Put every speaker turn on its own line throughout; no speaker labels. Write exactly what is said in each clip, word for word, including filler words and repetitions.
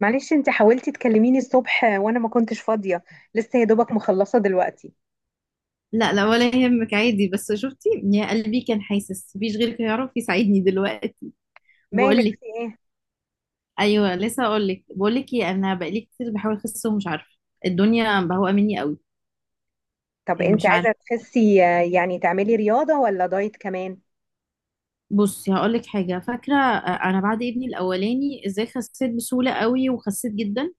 معلش انت حاولتي تكلميني الصبح وانا ما كنتش فاضية. لسه يا دوبك مخلصة دلوقتي.
لا، لا، ولا يهمك، عادي. بس شفتي يا قلبي، كان حاسس مفيش غيرك يعرف يساعدني دلوقتي. بقول
مالك
لك.
في ايه؟
ايوه، لسه اقول لك. بقول لك ايه، انا بقالي كتير بحاول اخس ومش عارفه، الدنيا بهوقه مني قوي.
طب
إيه،
انت
مش
عايزة
عارفه.
تخسي، آه، يعني تعملي رياضة ولا دايت كمان؟
بصي هقول لك حاجه، فاكره؟ آه، انا بعد ابني الاولاني ازاي خسيت بسهوله قوي وخسيت جدا.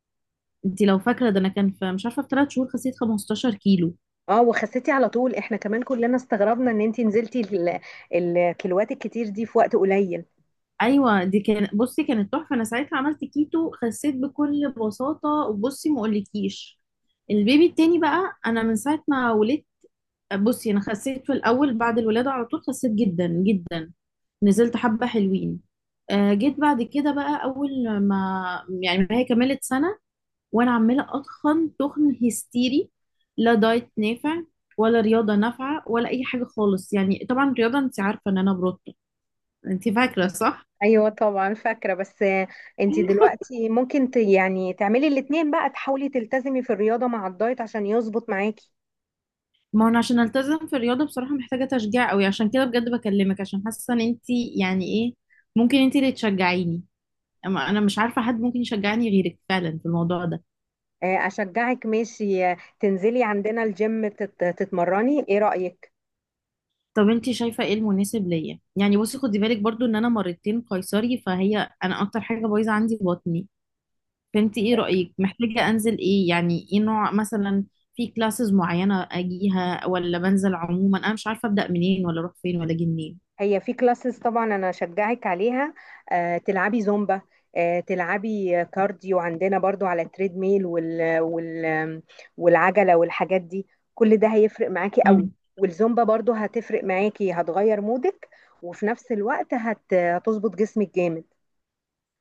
انت لو فاكره ده، انا كان في مش عارفه في ثلاث شهور خسيت 15 كيلو.
اه وخسيتي على طول، احنا كمان كلنا استغربنا ان انت نزلتي ال- الكيلوات الكتير دي في وقت قليل.
ايوه، دي كان بصي كانت تحفه، انا ساعتها عملت كيتو، خسيت بكل بساطه. وبصي، ما اقولكيش، البيبي التاني بقى، انا من ساعه ما ولدت، بصي انا خسيت في الاول بعد الولاده على طول، خسيت جدا جدا، نزلت حبه حلوين. آه، جيت بعد كده بقى، اول ما، يعني ما هي كملت سنه، وانا عماله اتخن تخن هستيري. لا دايت نافع ولا رياضه نافعه ولا اي حاجه خالص. يعني طبعا الرياضه انت عارفه ان انا بروتو، انت فاكره صح؟
ايوه طبعا فاكرة، بس آه، انت دلوقتي ممكن ت يعني تعملي الاتنين بقى، تحاولي تلتزمي في الرياضة مع الدايت عشان يظبط معاكي.
ما هو انا عشان التزم في الرياضه بصراحه محتاجه تشجيع قوي، عشان كده بجد بكلمك، عشان حاسه ان انت، يعني ايه، ممكن انت اللي تشجعيني. اما انا مش عارفه حد ممكن يشجعني غيرك فعلا في الموضوع ده.
آه، اشجعك، ماشي. آه، تنزلي عندنا الجيم تت- تتمرني، ايه رأيك؟
طب انت شايفه ايه المناسب ليا؟ يعني بصي، خدي بالك برضو ان انا مرتين قيصري، فهي انا اكتر حاجه بايظه عندي بطني. فانت ايه رايك؟ محتاجه انزل ايه، يعني ايه نوع مثلا؟ في كلاسز معينه اجيها ولا بنزل عموما؟ انا مش عارفه ابدا منين ولا اروح فين ولا اجي منين.
هي في كلاسز طبعا انا اشجعك عليها. آه، تلعبي زومبا، آه، تلعبي كارديو عندنا برضو على التريد ميل وال وال والعجله والحاجات دي. كل ده هيفرق معاكي قوي. والزومبا برضو هتفرق معاكي، هتغير مودك، وفي نفس الوقت هت- هتظبط جسمك جامد.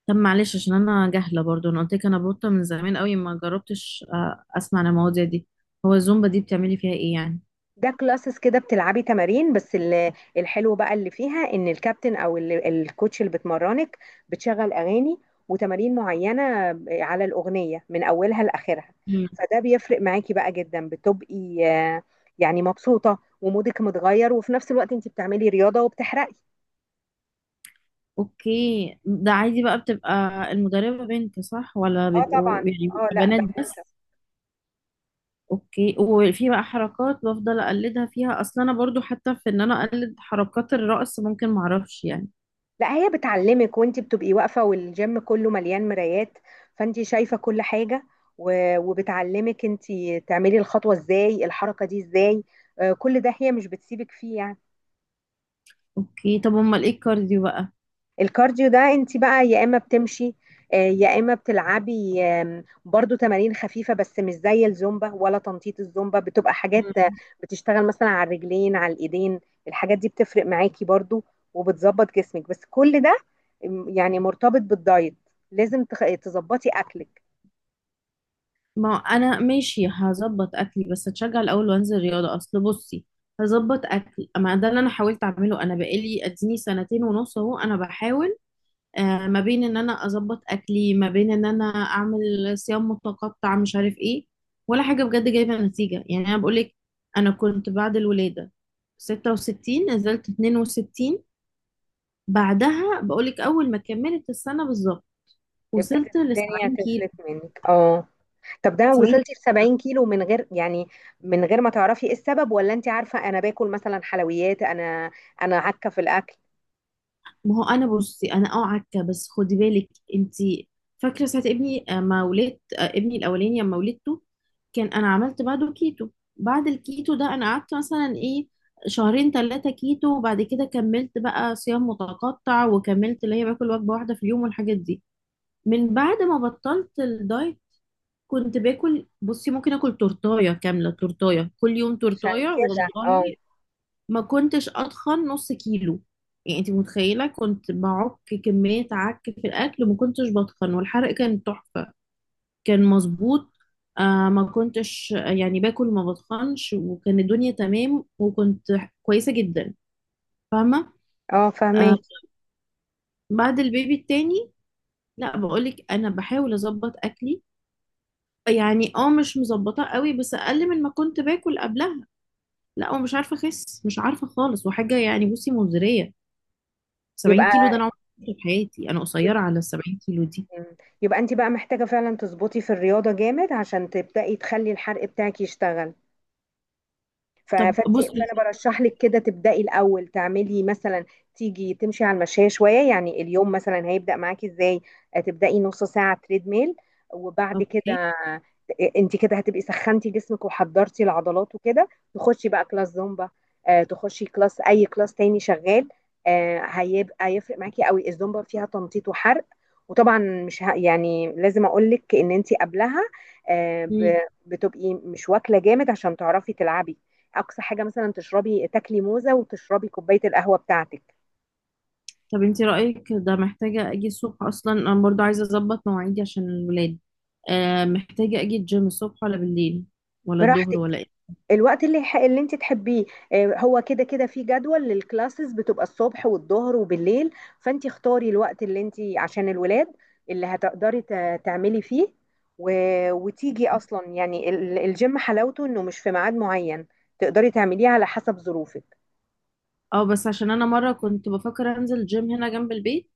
طب معلش، عشان انا جاهله برضو، انا قلت لك انا بوطه من زمان قوي، ما جربتش آه، اسمع عن المواضيع دي. هو الزومبا دي بتعملي فيها ايه يعني؟
ده كلاسز كده بتلعبي تمارين، بس ال- الحلو بقى اللي فيها ان الكابتن او ال- الكوتش اللي بتمرنك بتشغل اغاني وتمارين معينه على الاغنيه من اولها لاخرها.
مم.
فده بيفرق معاكي بقى جدا، بتبقي آه، يعني مبسوطه ومودك متغير، وفي نفس الوقت انت بتعملي رياضه وبتحرقي.
اوكي، ده عادي بقى، بتبقى المدربه بنت صح ولا
اه طبعا.
بيبقوا، يعني
اه
بيبقى
لا،
بنات بس؟
بنوته.
اوكي. وفي بقى حركات بفضل اقلدها فيها؟ اصلا انا برضو حتى في ان انا اقلد حركات الرقص ممكن معرفش يعني.
لا، هي بتعلمك وانت بتبقي واقفة، والجيم كله مليان مرايات، فانت شايفة كل حاجة، و- وبتعلمك انت تعملي الخطوة ازاي، الحركة دي ازاي. آه، كل ده هي مش بتسيبك فيه يعني.
اوكي، طب امال ايه الكارديو بقى؟
الكارديو ده انت بقى يا اما بتمشي، آه، يا اما بتلعبي آم، برضو تمارين خفيفه بس مش زي الزومبا ولا تنطيط. الزومبا بتبقى حاجات آه،
مم.
بتشتغل مثلا على الرجلين، على الايدين، الحاجات دي بتفرق معاكي برضو وبتظبط جسمك. بس كل ده م، يعني مرتبط بالدايت، لازم تخ- تظبطي اكلك.
ما انا ماشي هظبط اكلي، بس اتشجع الاول وانزل رياضه. اصل بصي، هظبط اكل، ما ده اللي انا حاولت اعمله. انا بقالي اديني سنتين ونص اهو انا بحاول آه ما بين ان انا اظبط اكلي، ما بين ان انا اعمل صيام متقطع، مش عارف ايه، ولا حاجه بجد جايبه نتيجه. يعني انا بقول لك، انا كنت بعد الولاده ستة وستين، نزلت اتنين وستين. بعدها بقول لك، اول ما كملت السنه بالظبط وصلت
ابتدت
ل
الدنيا
سبعين
تفلت
كيلو.
منك، اه. طب ده
سبعين!
وصلتي ل سبعين كيلو من غير يعني، من غير ما تعرفي ايه السبب؟ ولا انت عارفه، انا باكل مثلا حلويات، انا انا عكه في الاكل.
ما هو انا بصي، انا اه عكه، بس خدي بالك، انت فاكره ساعه ابني آه، ما ولدت، آه، ابني الاولاني لما ولدته، كان انا عملت بعده كيتو. بعد الكيتو ده انا قعدت مثلا ايه، شهرين ثلاثه كيتو، وبعد كده كملت بقى صيام متقطع، وكملت اللي هي باكل وجبه واحده في اليوم والحاجات دي. من بعد ما بطلت الدايت، كنت باكل، بصي، ممكن اكل تورتايه كامله، تورتايه كل يوم،
عشان
تورتايه
كده، اه.
والله، ما كنتش اتخن نص كيلو. يعني انت متخيله؟ كنت بعك كميه عك في الاكل وما كنتش بتخن، والحرق كان تحفه، كان مظبوط. آه ما كنتش يعني باكل، ما بتخنش، وكان الدنيا تمام، وكنت كويسه جدا، فاهمه؟
اه،
آه.
فهماكي.
بعد البيبي التاني، لا، بقولك انا بحاول اظبط اكلي. يعني اه مش مظبطه قوي، بس اقل من ما كنت باكل قبلها. لا، ومش عارفه اخس، مش عارفه خالص، وحاجه يعني بصي مزريه. سبعين
يبقى
كيلو ده انا عمري ما شفته في حياتي، انا قصيره على ال سبعين كيلو دي.
يبقى, يبقى انت بقى محتاجة فعلا تظبطي في الرياضة جامد عشان تبدأي تخلي الحرق بتاعك يشتغل. ف-
طب
فانت
بصي.
فانا برشح لك كده تبداي الاول، تعملي مثلا تيجي تمشي على المشاية شويه. يعني اليوم مثلا هيبدا معاكي ازاي؟ آه، تبداي نص ساعه تريد ميل، وبعد كده
اوكي.
آه، انت كده هتبقي سخنتي جسمك وحضرتي العضلات وكده، تخشي بقى كلاس زومبا، آه، تخشي كلاس، اي كلاس تاني شغال. آه، هيبقى هيفرق معاكي قوي. الزومبا فيها تنطيط وحرق، وطبعا مش ه... يعني لازم اقول لك ان انت قبلها آه،
مم.
ب... بتبقي مش واكله جامد عشان تعرفي تلعبي. اقصى حاجه مثلا تشربي، تاكلي موزه وتشربي كوبايه القهوه بتاعتك.
طب انت رايك ده محتاجه اجي الصبح؟ اصلا انا برضو عايزه اظبط مواعيدي عشان الولاد. آه محتاجه اجي الجيم الصبح ولا بالليل ولا الظهر
براحتك،
ولا ايه؟
الوقت اللي يح- اللي انت تحبيه. آه، هو كده كده في جدول للكلاسز، بتبقى الصبح والظهر وبالليل، فانت اختاري الوقت اللي انت عشان الولاد اللي هتقدري ت- تعملي فيه و... وتيجي اصلا. يعني ال- الجيم حلاوته انه مش في ميعاد معين، تقدري تعمليه على حسب ظروفك.
اه، بس عشان انا مره كنت بفكر انزل الجيم هنا جنب البيت،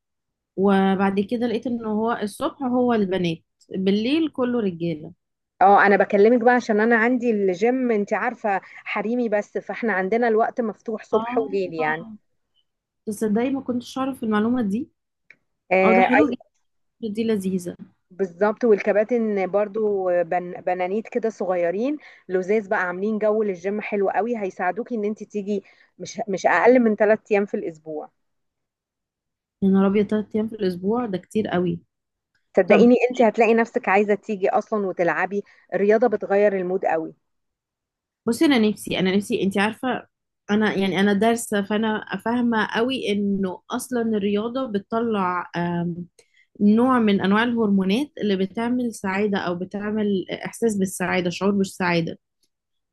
وبعد كده لقيت ان هو الصبح هو البنات، بالليل كله رجاله.
اه انا بكلمك بقى عشان انا عندي الجيم، انت عارفه، حريمي بس، فاحنا عندنا الوقت مفتوح صبح وليل يعني.
اه. تصدقي ما كنتش اعرف المعلومه دي. اه، ده
آه،
حلو جدا، دي لذيذه.
بالظبط. والكباتن برضو بن بنانيت كده، صغيرين لزاز بقى، عاملين جو للجيم حلو قوي، هيساعدوكي ان انت تيجي مش مش اقل من ثلاث ايام في الاسبوع.
يا نهار ابيض، تلات ايام في الاسبوع ده كتير قوي! طب
صدقيني انت هتلاقي نفسك عايزة تيجي اصلا وتلعبي، الرياضة بتغير المود قوي.
بصي، انا نفسي، انا نفسي، انت عارفه، انا يعني انا دارسه، فانا فاهمه قوي انه اصلا الرياضه بتطلع آم، نوع من انواع الهرمونات اللي بتعمل سعاده، او بتعمل احساس بالسعاده، شعور بالسعاده.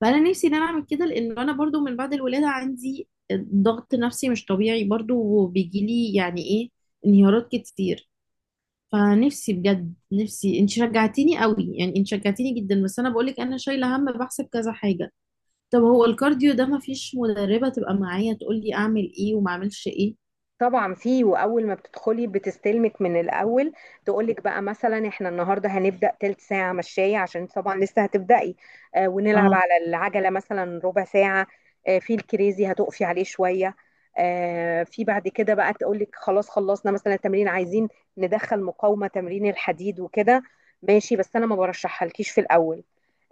فانا نفسي ان انا اعمل كده، لان انا برضو من بعد الولاده عندي ضغط نفسي مش طبيعي برضو، وبيجيلي يعني ايه، انهيارات كتير. فنفسي بجد، نفسي، انت شجعتيني قوي، يعني انت شجعتيني جدا. بس انا بقولك انا شايله هم بحسب كذا حاجه. طب هو الكارديو ده ما فيش مدربه تبقى معايا تقول لي اعمل ايه وما اعملش ايه؟
طبعا فيه، واول ما بتدخلي بتستلمك من الاول، تقولك بقى مثلا احنا النهارده هنبدا تلت ساعه مشايه عشان طبعا لسه هتبداي، آه، ونلعب
اه.
على العجله مثلا ربع ساعه، آه في الكريزي هتقفي عليه شويه، آه في بعد كده بقى تقولك خلاص خلصنا مثلا التمرين، عايزين ندخل مقاومه، تمرين الحديد وكده. ماشي، بس انا ما برشحهالكيش في الاول.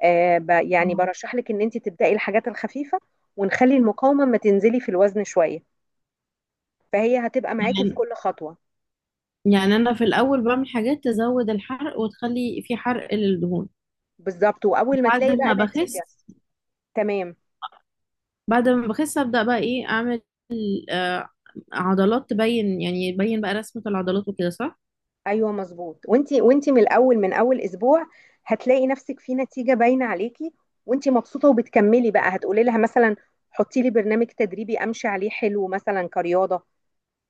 آه ب- يعني
آه.
برشح لك ان انت تبداي الحاجات الخفيفه، ونخلي المقاومه ما تنزلي في الوزن شويه. فهي هتبقى معاكي في
يعني،
كل خطوة.
يعني انا في الاول بعمل حاجات تزود الحرق وتخلي في حرق للدهون؟
بالظبط، واول ما
بعد
تلاقي
ما
بقى
بخس
نتيجة. تمام.
بعد ما بخس ابدا بقى ايه اعمل؟ آه عضلات تبين، يعني يبين بقى رسمه العضلات وكده صح؟
ايوه مظبوط، وانتي وانتي من الاول، من اول اسبوع هتلاقي نفسك في نتيجة باينة عليكي، وانتي مبسوطة، وبتكملي بقى، هتقولي لها مثلا حطي لي برنامج تدريبي امشي عليه حلو، مثلا كرياضة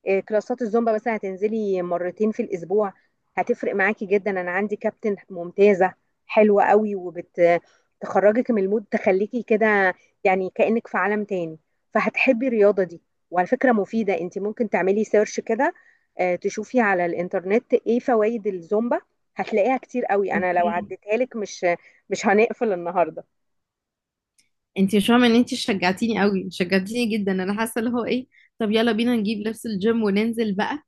آه، كلاسات الزومبا مثلا هتنزلي مرتين في الاسبوع، هتفرق معاكي جدا. انا عندي كابتن ممتازه، حلوه قوي، وبتخرجك من المود، تخليكي كده يعني كانك في عالم تاني، فهتحبي الرياضه دي. وعلى فكره مفيده، انت ممكن تعملي سيرش كده آه، تشوفي على الانترنت ايه فوائد الزومبا، هتلاقيها كتير قوي، انا لو
اوكي.
عديتها لك مش مش هنقفل النهارده.
انت مش فاهمه ان انت شجعتيني قوي! شجعتيني جدا، انا حاسه اللي هو ايه! طب يلا بينا نجيب لبس الجيم وننزل بقى!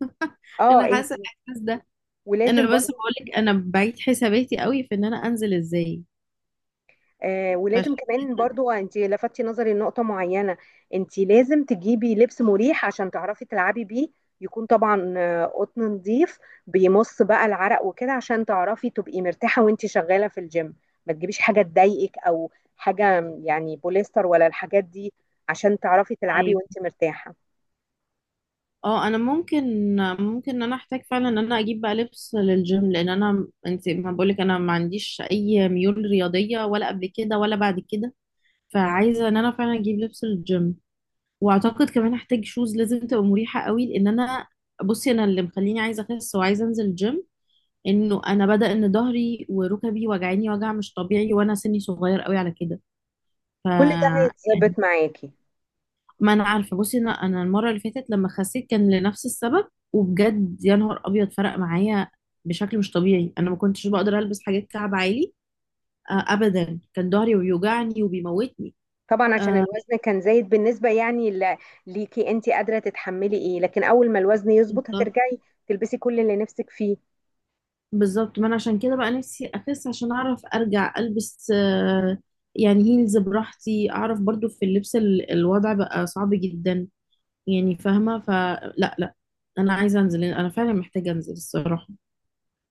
اه
انا
انت.
حاسه الاحساس ده. انا
ولازم
بس
برضه،
بقولك انا بعيد حساباتي قوي في ان انا انزل ازاي،
آه، ولازم
فعشان
كمان
كده.
برضو، انت لفتي نظري لنقطة معينة، انت لازم تجيبي لبس مريح عشان تعرفي تلعبي بيه، يكون طبعا آه، قطن نظيف بيمص بقى العرق وكده، عشان تعرفي تبقي مرتاحة وانت شغالة في الجيم. ما تجيبيش حاجة تضايقك، او حاجة يعني بوليستر ولا الحاجات دي، عشان تعرفي تلعبي
عيب.
وانت مرتاحة.
اه، انا ممكن ممكن ان انا احتاج فعلا ان انا اجيب بقى لبس للجيم، لان انا، انت ما بقولك انا ما عنديش اي ميول رياضيه ولا قبل كده ولا بعد كده. فعايزه ان انا فعلا اجيب لبس للجيم، واعتقد كمان هحتاج شوز لازم تبقى مريحه قوي، لان انا، بصي، انا اللي مخليني عايزه اخس وعايزه انزل الجيم انه انا بدا ان ظهري وركبي وجعاني وجع مش طبيعي، وانا سني صغير قوي على كده. ف،
كل ده
يعني،
هيتظبط معاكي.
ما انا عارفه بصي، انا انا المره اللي فاتت لما خسيت كان لنفس السبب، وبجد يا نهار ابيض فرق معايا بشكل مش طبيعي. انا ما كنتش بقدر البس حاجات كعب عالي آه، ابدا، كان ظهري بيوجعني وبيموتني.
طبعا عشان الوزن كان زايد بالنسبة يعني ل- ليكي انت قادرة تتحملي ايه، لكن اول ما الوزن يظبط
آه،
هترجعي تلبسي كل اللي نفسك فيه.
بالظبط، ما انا عشان كده بقى نفسي اخس، عشان اعرف ارجع البس آه، يعني هيلز براحتي. اعرف برضو في اللبس ال- الوضع بقى صعب جدا يعني، فاهمه؟ فلا، لا، انا عايزه انزل، انا فعلا محتاجه انزل الصراحه،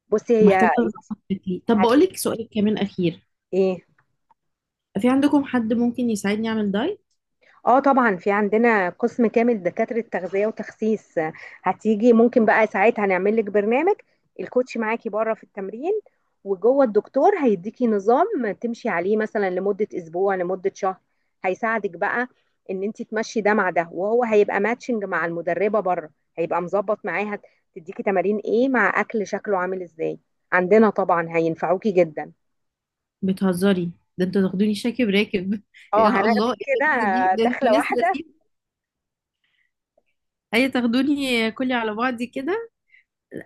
بصي هي
ومحتاجه
انت
اظبط شكلي. طب بقول لك
هتنزلي
سؤال كمان اخير،
ايه.
في عندكم حد ممكن يساعدني اعمل دايت؟
اه طبعا، في عندنا قسم كامل دكاترة تغذية وتخسيس. آه، هتيجي ممكن بقى ساعتها هنعمل لك برنامج، الكوتش معاكي بره في التمرين، وجوه الدكتور هيديكي نظام تمشي عليه مثلا لمدة اسبوع، لمدة شهر، هيساعدك بقى ان انت تمشي ده مع ده، وهو هيبقى ماتشنج مع المدربة بره، هيبقى مظبط معاها، تديكي تمارين ايه مع اكل شكله عامل ازاي. عندنا طبعا هينفعوكي جدا.
بتهزري؟ ده انتوا تاخدوني شاكب راكب!
اه
يا الله
هناخدك
ايه
كده
اللذيذه دي!
آه،
ده انتوا
دخلة
ناس
واحدة.
لذيذه! اي، تاخدوني كلي على بعضي كده،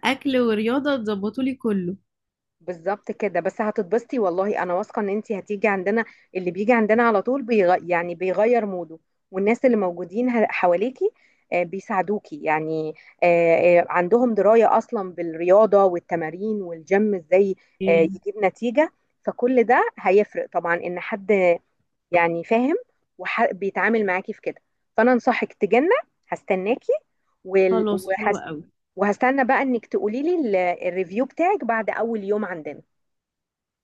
اكل ورياضه تظبطوا لي كله.
بالظبط كده، بس هتتبسطي والله، انا واثقه ان انت هتيجي عندنا. اللي بيجي عندنا على طول بيغ... يعني بيغير موده، والناس اللي موجودين ه- حواليكي آه، بيساعدوكي يعني، آه، آه، عندهم درايه اصلا بالرياضه والتمارين والجيم ازاي آه،
إيه؟
يجيب نتيجه. فكل ده هيفرق طبعا، ان حد يعني فاهم وبيتعامل معاكي في كده. فانا انصحك تجنة، هستناكي. وال-
خلاص، حلو
وهس-
قوي.
وهستنى بقى انك تقولي لي الريفيو بتاعك بعد اول يوم عندنا.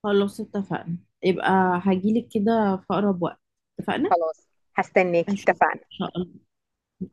خلاص، اتفقنا. يبقى هجيلك كده في أقرب وقت. اتفقنا؟
خلاص، هستناكي.
أشوفك إن
اتفقنا.
شاء الله.